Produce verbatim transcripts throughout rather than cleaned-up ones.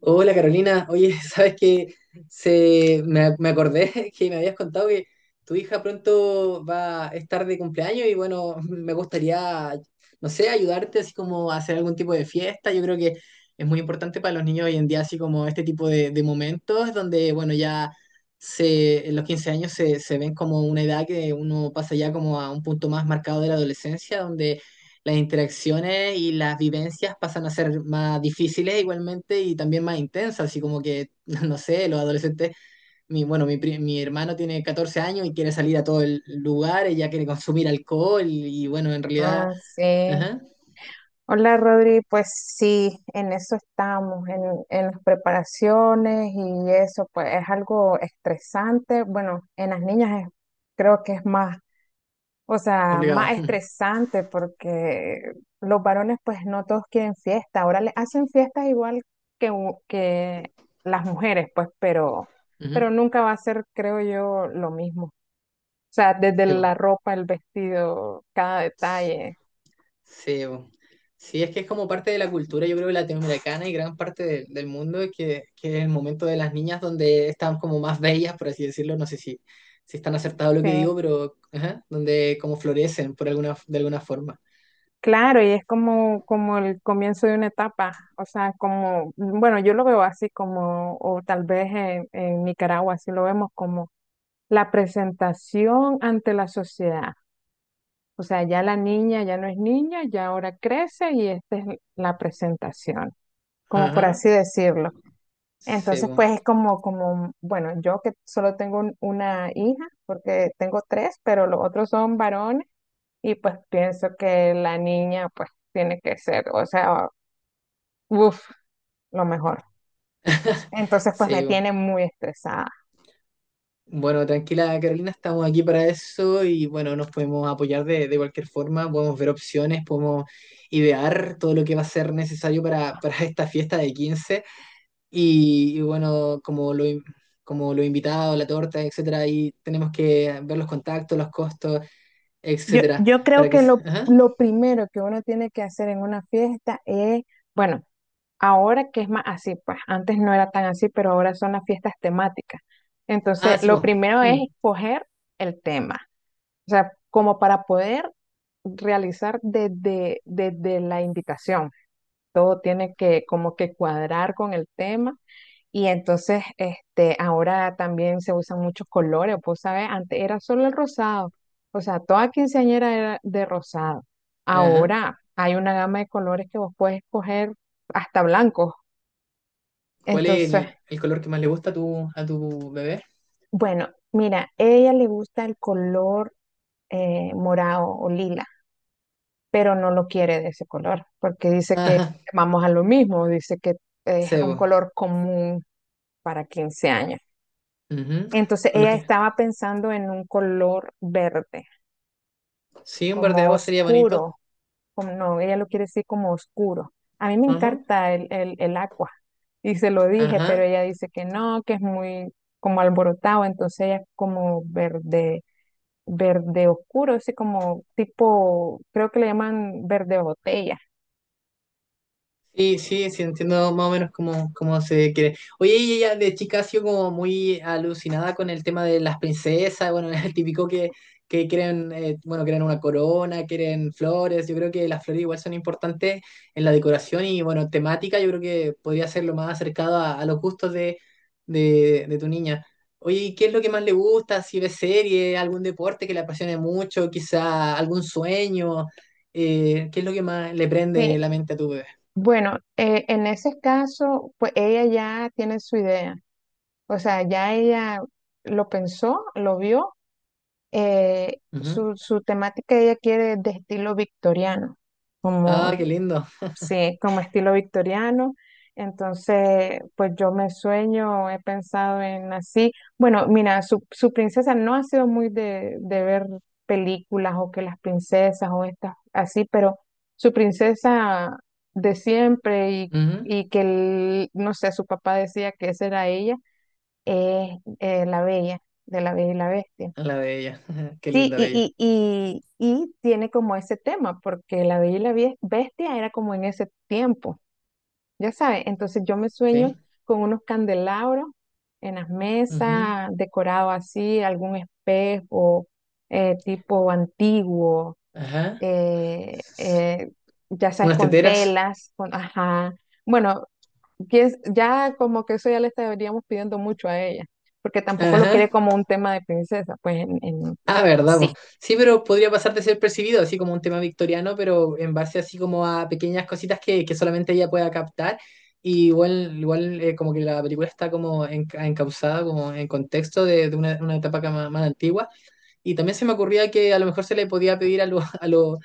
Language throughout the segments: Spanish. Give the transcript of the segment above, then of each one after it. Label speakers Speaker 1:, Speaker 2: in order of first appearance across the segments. Speaker 1: Hola Carolina, oye, sabes que se, me, me acordé que me habías contado que tu hija pronto va a estar de cumpleaños y bueno, me gustaría, no sé, ayudarte así como a hacer algún tipo de fiesta. Yo creo que es muy importante para los niños hoy en día, así como este tipo de, de momentos donde, bueno, ya se, en los quince años se, se ven como una edad que uno pasa ya como a un punto más marcado de la adolescencia, donde las interacciones y las vivencias pasan a ser más difíciles igualmente y también más intensas, así como que, no sé, los adolescentes, mi, bueno, mi, pri- mi hermano tiene catorce años y quiere salir a todo el lugar, ella quiere consumir alcohol y bueno, en realidad,
Speaker 2: Ah, sí.
Speaker 1: ajá,
Speaker 2: Hola, Rodri. Pues sí, en eso estamos, en, en las preparaciones y eso, pues es algo estresante. Bueno, en las niñas es- creo que es más, o sea,
Speaker 1: complicado.
Speaker 2: más estresante porque los varones pues no todos quieren fiesta. Ahora les hacen fiestas igual que, u- que las mujeres, pues, pero, pero
Speaker 1: Ujú,
Speaker 2: nunca va a ser, creo yo, lo mismo. O sea, desde
Speaker 1: sí,
Speaker 2: la ropa, el vestido, cada detalle.
Speaker 1: sí, bo. Sí, es que es como parte de la cultura, yo creo, latinoamericana y gran parte de- del mundo, es que, que es el momento de las niñas donde están como más bellas, por así decirlo, no sé si, si están acertado lo
Speaker 2: Sí.
Speaker 1: que digo, pero ajá, donde como florecen por alguna, de alguna forma.
Speaker 2: Claro, y es como, como el comienzo de una etapa, o sea, como, bueno, yo lo veo así como, o tal vez en, en Nicaragua, así lo vemos como la presentación ante la sociedad. O sea, ya la niña ya no es niña, ya ahora crece y esta es la presentación, como
Speaker 1: Ajá,
Speaker 2: por así decirlo.
Speaker 1: sí,
Speaker 2: Entonces,
Speaker 1: bo.
Speaker 2: pues es como, como, bueno, yo que solo tengo un- una hija, porque tengo tres, pero los otros son varones. Y pues pienso que la niña pues tiene que ser, o sea, uff, lo mejor. Entonces pues me
Speaker 1: Sí, bo.
Speaker 2: tiene muy estresada.
Speaker 1: Bueno, tranquila Carolina, estamos aquí para eso y bueno, nos podemos apoyar de, de cualquier forma, podemos ver opciones, podemos idear todo lo que va a ser necesario para, para esta fiesta de quince. Y, y bueno, como lo, in- como los invitados, la torta, etcétera, ahí tenemos que ver los contactos, los costos,
Speaker 2: Yo,
Speaker 1: etcétera,
Speaker 2: yo
Speaker 1: para
Speaker 2: creo
Speaker 1: que...
Speaker 2: que
Speaker 1: s-
Speaker 2: lo,
Speaker 1: ajá.
Speaker 2: lo primero que uno tiene que hacer en una fiesta es, bueno, ahora que es más así, pues antes no era tan así, pero ahora son las fiestas temáticas.
Speaker 1: Ah,
Speaker 2: Entonces
Speaker 1: sí,
Speaker 2: lo
Speaker 1: vos.
Speaker 2: primero es
Speaker 1: Hmm.
Speaker 2: escoger el tema, o sea, como para poder realizar desde, desde la invitación. Todo tiene que como que cuadrar con el tema. Y entonces, este, ahora también se usan muchos colores, pues, ¿sabes? Antes era solo el rosado, o sea, toda quinceañera era de rosado.
Speaker 1: Ajá.
Speaker 2: Ahora hay una gama de colores que vos puedes escoger hasta blancos.
Speaker 1: ¿Cuál es
Speaker 2: Entonces,
Speaker 1: el, el color que más le gusta a tu, a tu bebé?
Speaker 2: bueno, mira, ella le gusta el color eh, morado o lila, pero no lo quiere de ese color, porque dice que
Speaker 1: Ajá,
Speaker 2: vamos a lo mismo, dice que es un
Speaker 1: cebo.
Speaker 2: color común para quince años.
Speaker 1: Ujú.
Speaker 2: Entonces
Speaker 1: Con lo
Speaker 2: ella
Speaker 1: que...
Speaker 2: estaba pensando en un color verde,
Speaker 1: Sí, un verde
Speaker 2: como
Speaker 1: agua sería bonito.
Speaker 2: oscuro, como no, ella lo quiere decir como oscuro. A mí me
Speaker 1: Ajá.
Speaker 2: encanta el, el, el agua y se lo dije, pero
Speaker 1: Ajá.
Speaker 2: ella dice que no, que es muy como alborotado, entonces ella es como verde, verde oscuro, así como tipo, creo que le llaman verde botella.
Speaker 1: Sí, sí, sí, entiendo más o menos cómo, cómo se quiere. Oye, y ella de chica ha sido como muy alucinada con el tema de las princesas, bueno, es el típico que, que, quieren, eh, bueno, quieren una corona, quieren flores, yo creo que las flores igual son importantes en la decoración y, bueno, temática, yo creo que podría ser lo más acercado a, a los gustos de, de, de tu niña. Oye, ¿y qué es lo que más le gusta? Si ve serie, algún deporte que le apasione mucho, quizá algún sueño, eh, ¿qué es lo que más le prende
Speaker 2: Sí,
Speaker 1: la mente a tu bebé?
Speaker 2: bueno, eh, en ese caso, pues ella ya tiene su idea, o sea, ya ella lo pensó, lo vio. eh,
Speaker 1: Ujú.
Speaker 2: su, su temática ella quiere de estilo victoriano, como,
Speaker 1: Ah, qué lindo.
Speaker 2: sí, como estilo victoriano. Entonces, pues yo me sueño, he pensado en así. Bueno, mira, su, su princesa no ha sido muy de, de ver películas o que las princesas o estas así, pero su princesa de siempre. Y,
Speaker 1: Ujú.
Speaker 2: y que, el- no sé, su papá decía que esa era ella, es eh, la bella, de la bella y la bestia.
Speaker 1: A la bella. Qué
Speaker 2: Sí,
Speaker 1: linda bella.
Speaker 2: y, y, y, y tiene como ese tema, porque La Bella y la Bie- Bestia era como en ese tiempo, ya sabes, entonces yo me sueño
Speaker 1: Sí.
Speaker 2: con unos candelabros en las
Speaker 1: Ujú.
Speaker 2: mesas, decorado así, algún espejo eh, tipo antiguo,
Speaker 1: Ajá.
Speaker 2: eh, eh, ya sabes,
Speaker 1: Unas
Speaker 2: con
Speaker 1: teteras.
Speaker 2: telas, con, ajá, bueno, que es- ya como que eso ya le estaríamos pidiendo mucho a ella, porque tampoco lo quiere
Speaker 1: Ajá.
Speaker 2: como un tema de princesa, pues en, en-
Speaker 1: Ah, verdad, po. Sí, pero podría pasar de ser percibido, así como un tema victoriano, pero en base así como a pequeñas cositas que, que solamente ella pueda captar. Y igual, igual eh, como que la película está como enca- encauzada, como en contexto de, de una, una etapa ca- más, más antigua. Y también se me ocurría que a lo mejor se le podía pedir a los a los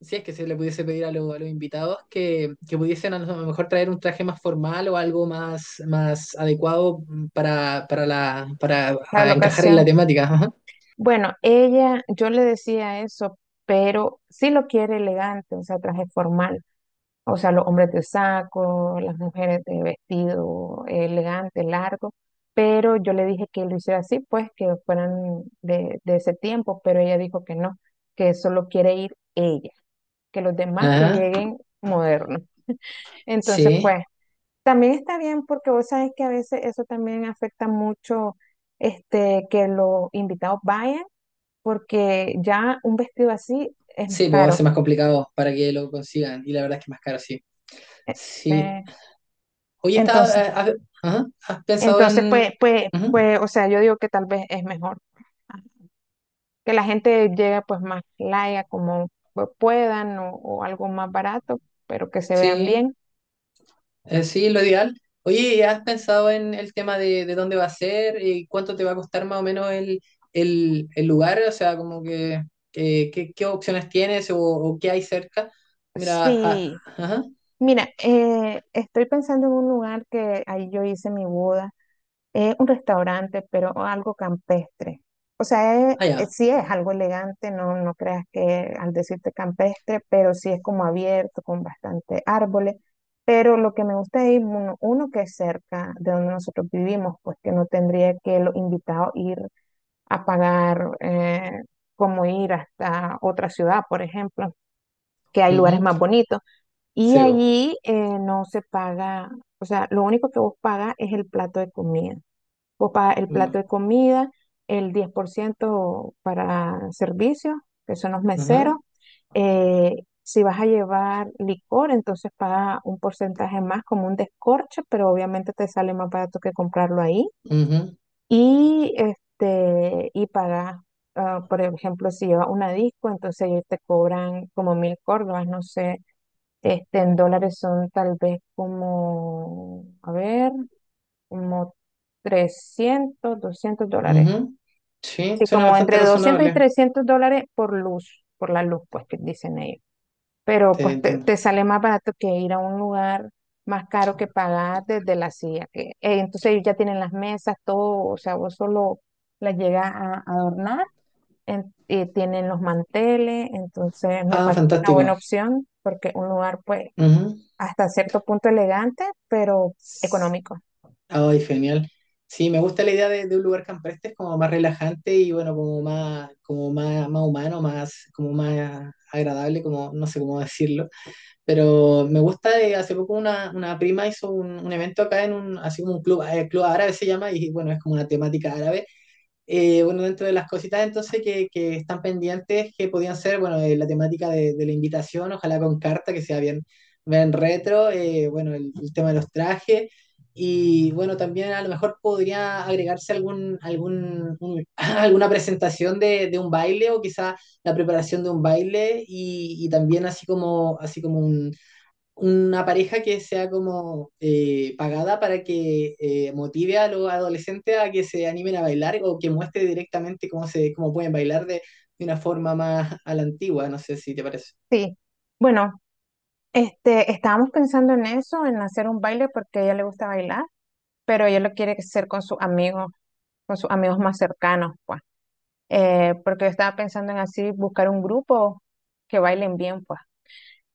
Speaker 1: si es que se le pudiese pedir a, lo- a los invitados que, que pudiesen a lo mejor traer un traje más formal o algo más, más adecuado para, para, la, para
Speaker 2: Para
Speaker 1: a
Speaker 2: la
Speaker 1: encajar en la
Speaker 2: ocasión.
Speaker 1: temática. Ajá,
Speaker 2: Bueno, ella, yo le decía eso, pero sí lo quiere elegante, o sea, traje formal. O sea, los hombres de saco, las mujeres de vestido elegante, largo. Pero yo le dije que lo hiciera así, pues que fueran de, de ese tiempo, pero ella dijo que no, que solo quiere ir ella, que los demás que
Speaker 1: ajá,
Speaker 2: lleguen modernos. Entonces,
Speaker 1: sí,
Speaker 2: pues, también está bien porque vos sabés que a veces eso también afecta mucho este, que los invitados vayan porque ya un vestido así es más
Speaker 1: sí, pues va a
Speaker 2: caro.
Speaker 1: ser más complicado para que lo consigan y la verdad es que es más caro, sí.
Speaker 2: Eh,
Speaker 1: Sí.
Speaker 2: eh,
Speaker 1: Oye,
Speaker 2: Entonces,
Speaker 1: está, eh, ¿has, ajá, ¿has pensado
Speaker 2: Entonces,
Speaker 1: en...?
Speaker 2: pues, pues,
Speaker 1: Ujú,
Speaker 2: pues, o sea, yo digo que tal vez es mejor ah, que la gente llegue pues más laya como pues, puedan o, o algo más barato, pero que se vean
Speaker 1: sí.
Speaker 2: bien.
Speaker 1: Eh, sí, lo ideal. Oye, ¿y has pensado en el tema de, de dónde va a ser y cuánto te va a costar más o menos el, el, el lugar? O sea, como que, que- que- qué opciones tienes o, o qué hay cerca. Mira, ah,
Speaker 2: Sí,
Speaker 1: ajá,
Speaker 2: mira, eh, estoy pensando en un lugar que ahí yo hice mi boda. Es un restaurante, pero algo campestre. O sea, es- es-
Speaker 1: allá.
Speaker 2: sí es algo elegante, no, no creas que al decirte campestre, pero sí es como abierto, con bastante árboles. Pero lo que me gusta es ir uno, uno que es cerca de donde nosotros vivimos, pues que no tendría que los invitados ir a pagar eh, como ir hasta otra ciudad, por ejemplo, que hay lugares
Speaker 1: Ujú,
Speaker 2: más bonitos. Y
Speaker 1: sebo.
Speaker 2: allí eh, no se paga, o sea, lo único que vos pagas es el plato de comida o para el
Speaker 1: Mm,
Speaker 2: plato de comida, el diez por ciento para servicios, que son los
Speaker 1: ajá,
Speaker 2: meseros. Eh, si vas a llevar licor, entonces paga un porcentaje más como un descorche, pero obviamente te sale más barato que comprarlo ahí.
Speaker 1: ujú,
Speaker 2: Y, este, y pagas, ah, por ejemplo, si llevas una disco, entonces ellos te cobran como mil córdobas, no sé, este, en dólares son tal vez como, a ver, como trescientos doscientos dólares.
Speaker 1: ujú. Sí,
Speaker 2: Sí,
Speaker 1: suena
Speaker 2: como
Speaker 1: bastante
Speaker 2: entre doscientos y
Speaker 1: razonable.
Speaker 2: trescientos dólares por luz, por la luz, pues que dicen ellos. Pero
Speaker 1: Te
Speaker 2: pues te,
Speaker 1: entiendo.
Speaker 2: te sale más barato que ir a un lugar más caro que pagar desde la silla. Que- eh, entonces ellos ya tienen las mesas, todo, o sea, vos solo las llegas a adornar, en- y tienen los manteles, entonces me
Speaker 1: Ah,
Speaker 2: parece una
Speaker 1: fantástico.
Speaker 2: buena opción porque un lugar pues
Speaker 1: Ujú.
Speaker 2: hasta cierto punto elegante, pero económico.
Speaker 1: Ay, genial. Sí, me gusta la idea de, de un lugar campestre, es como más relajante y bueno, como más, como más, más humano, más, como más agradable, como no sé cómo decirlo. Pero me gusta de hace poco una, una prima hizo un, un evento acá en un, así como un club, eh, club árabe se llama, y bueno, es como una temática árabe. Eh, bueno, dentro de las cositas entonces que, que están pendientes, que podían ser, bueno, eh, la temática de, de la invitación, ojalá con carta, que sea bien, bien retro, eh, bueno, el, el tema de los trajes, y bueno, también a lo mejor podría agregarse algún, algún, un- alguna presentación de, de un baile o quizá la preparación de un baile y, y también así como, así como un, una pareja que sea como eh, pagada para que eh, motive a los adolescentes a que se animen a bailar o que muestre directamente cómo se, cómo pueden bailar de, de una forma más a la antigua, no sé si te parece.
Speaker 2: Sí. Bueno. Este, estábamos pensando en eso, en hacer un baile porque a ella le gusta bailar, pero ella lo quiere hacer con sus amigos, con sus amigos más cercanos, pues. Eh, porque yo estaba pensando en así buscar un grupo que bailen bien, pues.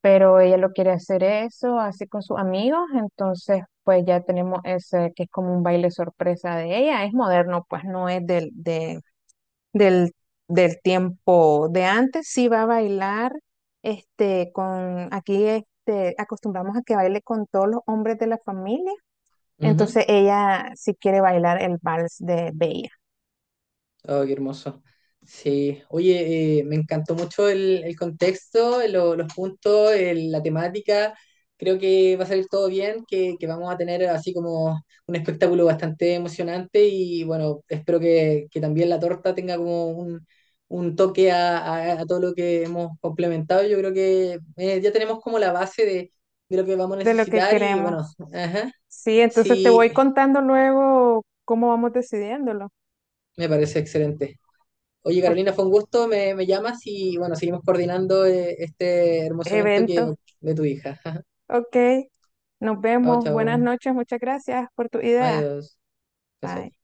Speaker 2: Pero ella lo quiere hacer eso, así con sus amigos, entonces pues ya tenemos ese que es como un baile sorpresa de ella, es moderno, pues no es del- de, del, del tiempo de antes, sí va a bailar, este, con, aquí, este, acostumbramos a que baile con todos los hombres de la familia, entonces ella sí quiere bailar el vals de Bella,
Speaker 1: Oh, qué hermoso. Sí, oye, eh, me encantó mucho el, el contexto, lo- los puntos, el- la temática. Creo que va a salir todo bien, que, que vamos a tener así como un espectáculo bastante emocionante y bueno, espero que, que también la torta tenga como un, un toque a, a- a todo lo que hemos complementado. Yo creo que eh, ya tenemos como la base de, de lo que vamos a
Speaker 2: de lo que
Speaker 1: necesitar y bueno,
Speaker 2: queremos.
Speaker 1: ajá,
Speaker 2: Sí, entonces te
Speaker 1: sí,
Speaker 2: voy contando luego cómo vamos decidiéndolo.
Speaker 1: me parece excelente. Oye,
Speaker 2: O-
Speaker 1: Carolina, fue un gusto, me, me llamas y bueno, seguimos coordinando eh, este hermoso evento que,
Speaker 2: evento,
Speaker 1: de tu hija.
Speaker 2: ok, nos
Speaker 1: Chao,
Speaker 2: vemos, buenas
Speaker 1: chao.
Speaker 2: noches, muchas gracias por tu idea.
Speaker 1: Adiós. Gracias a
Speaker 2: Bye.
Speaker 1: ti.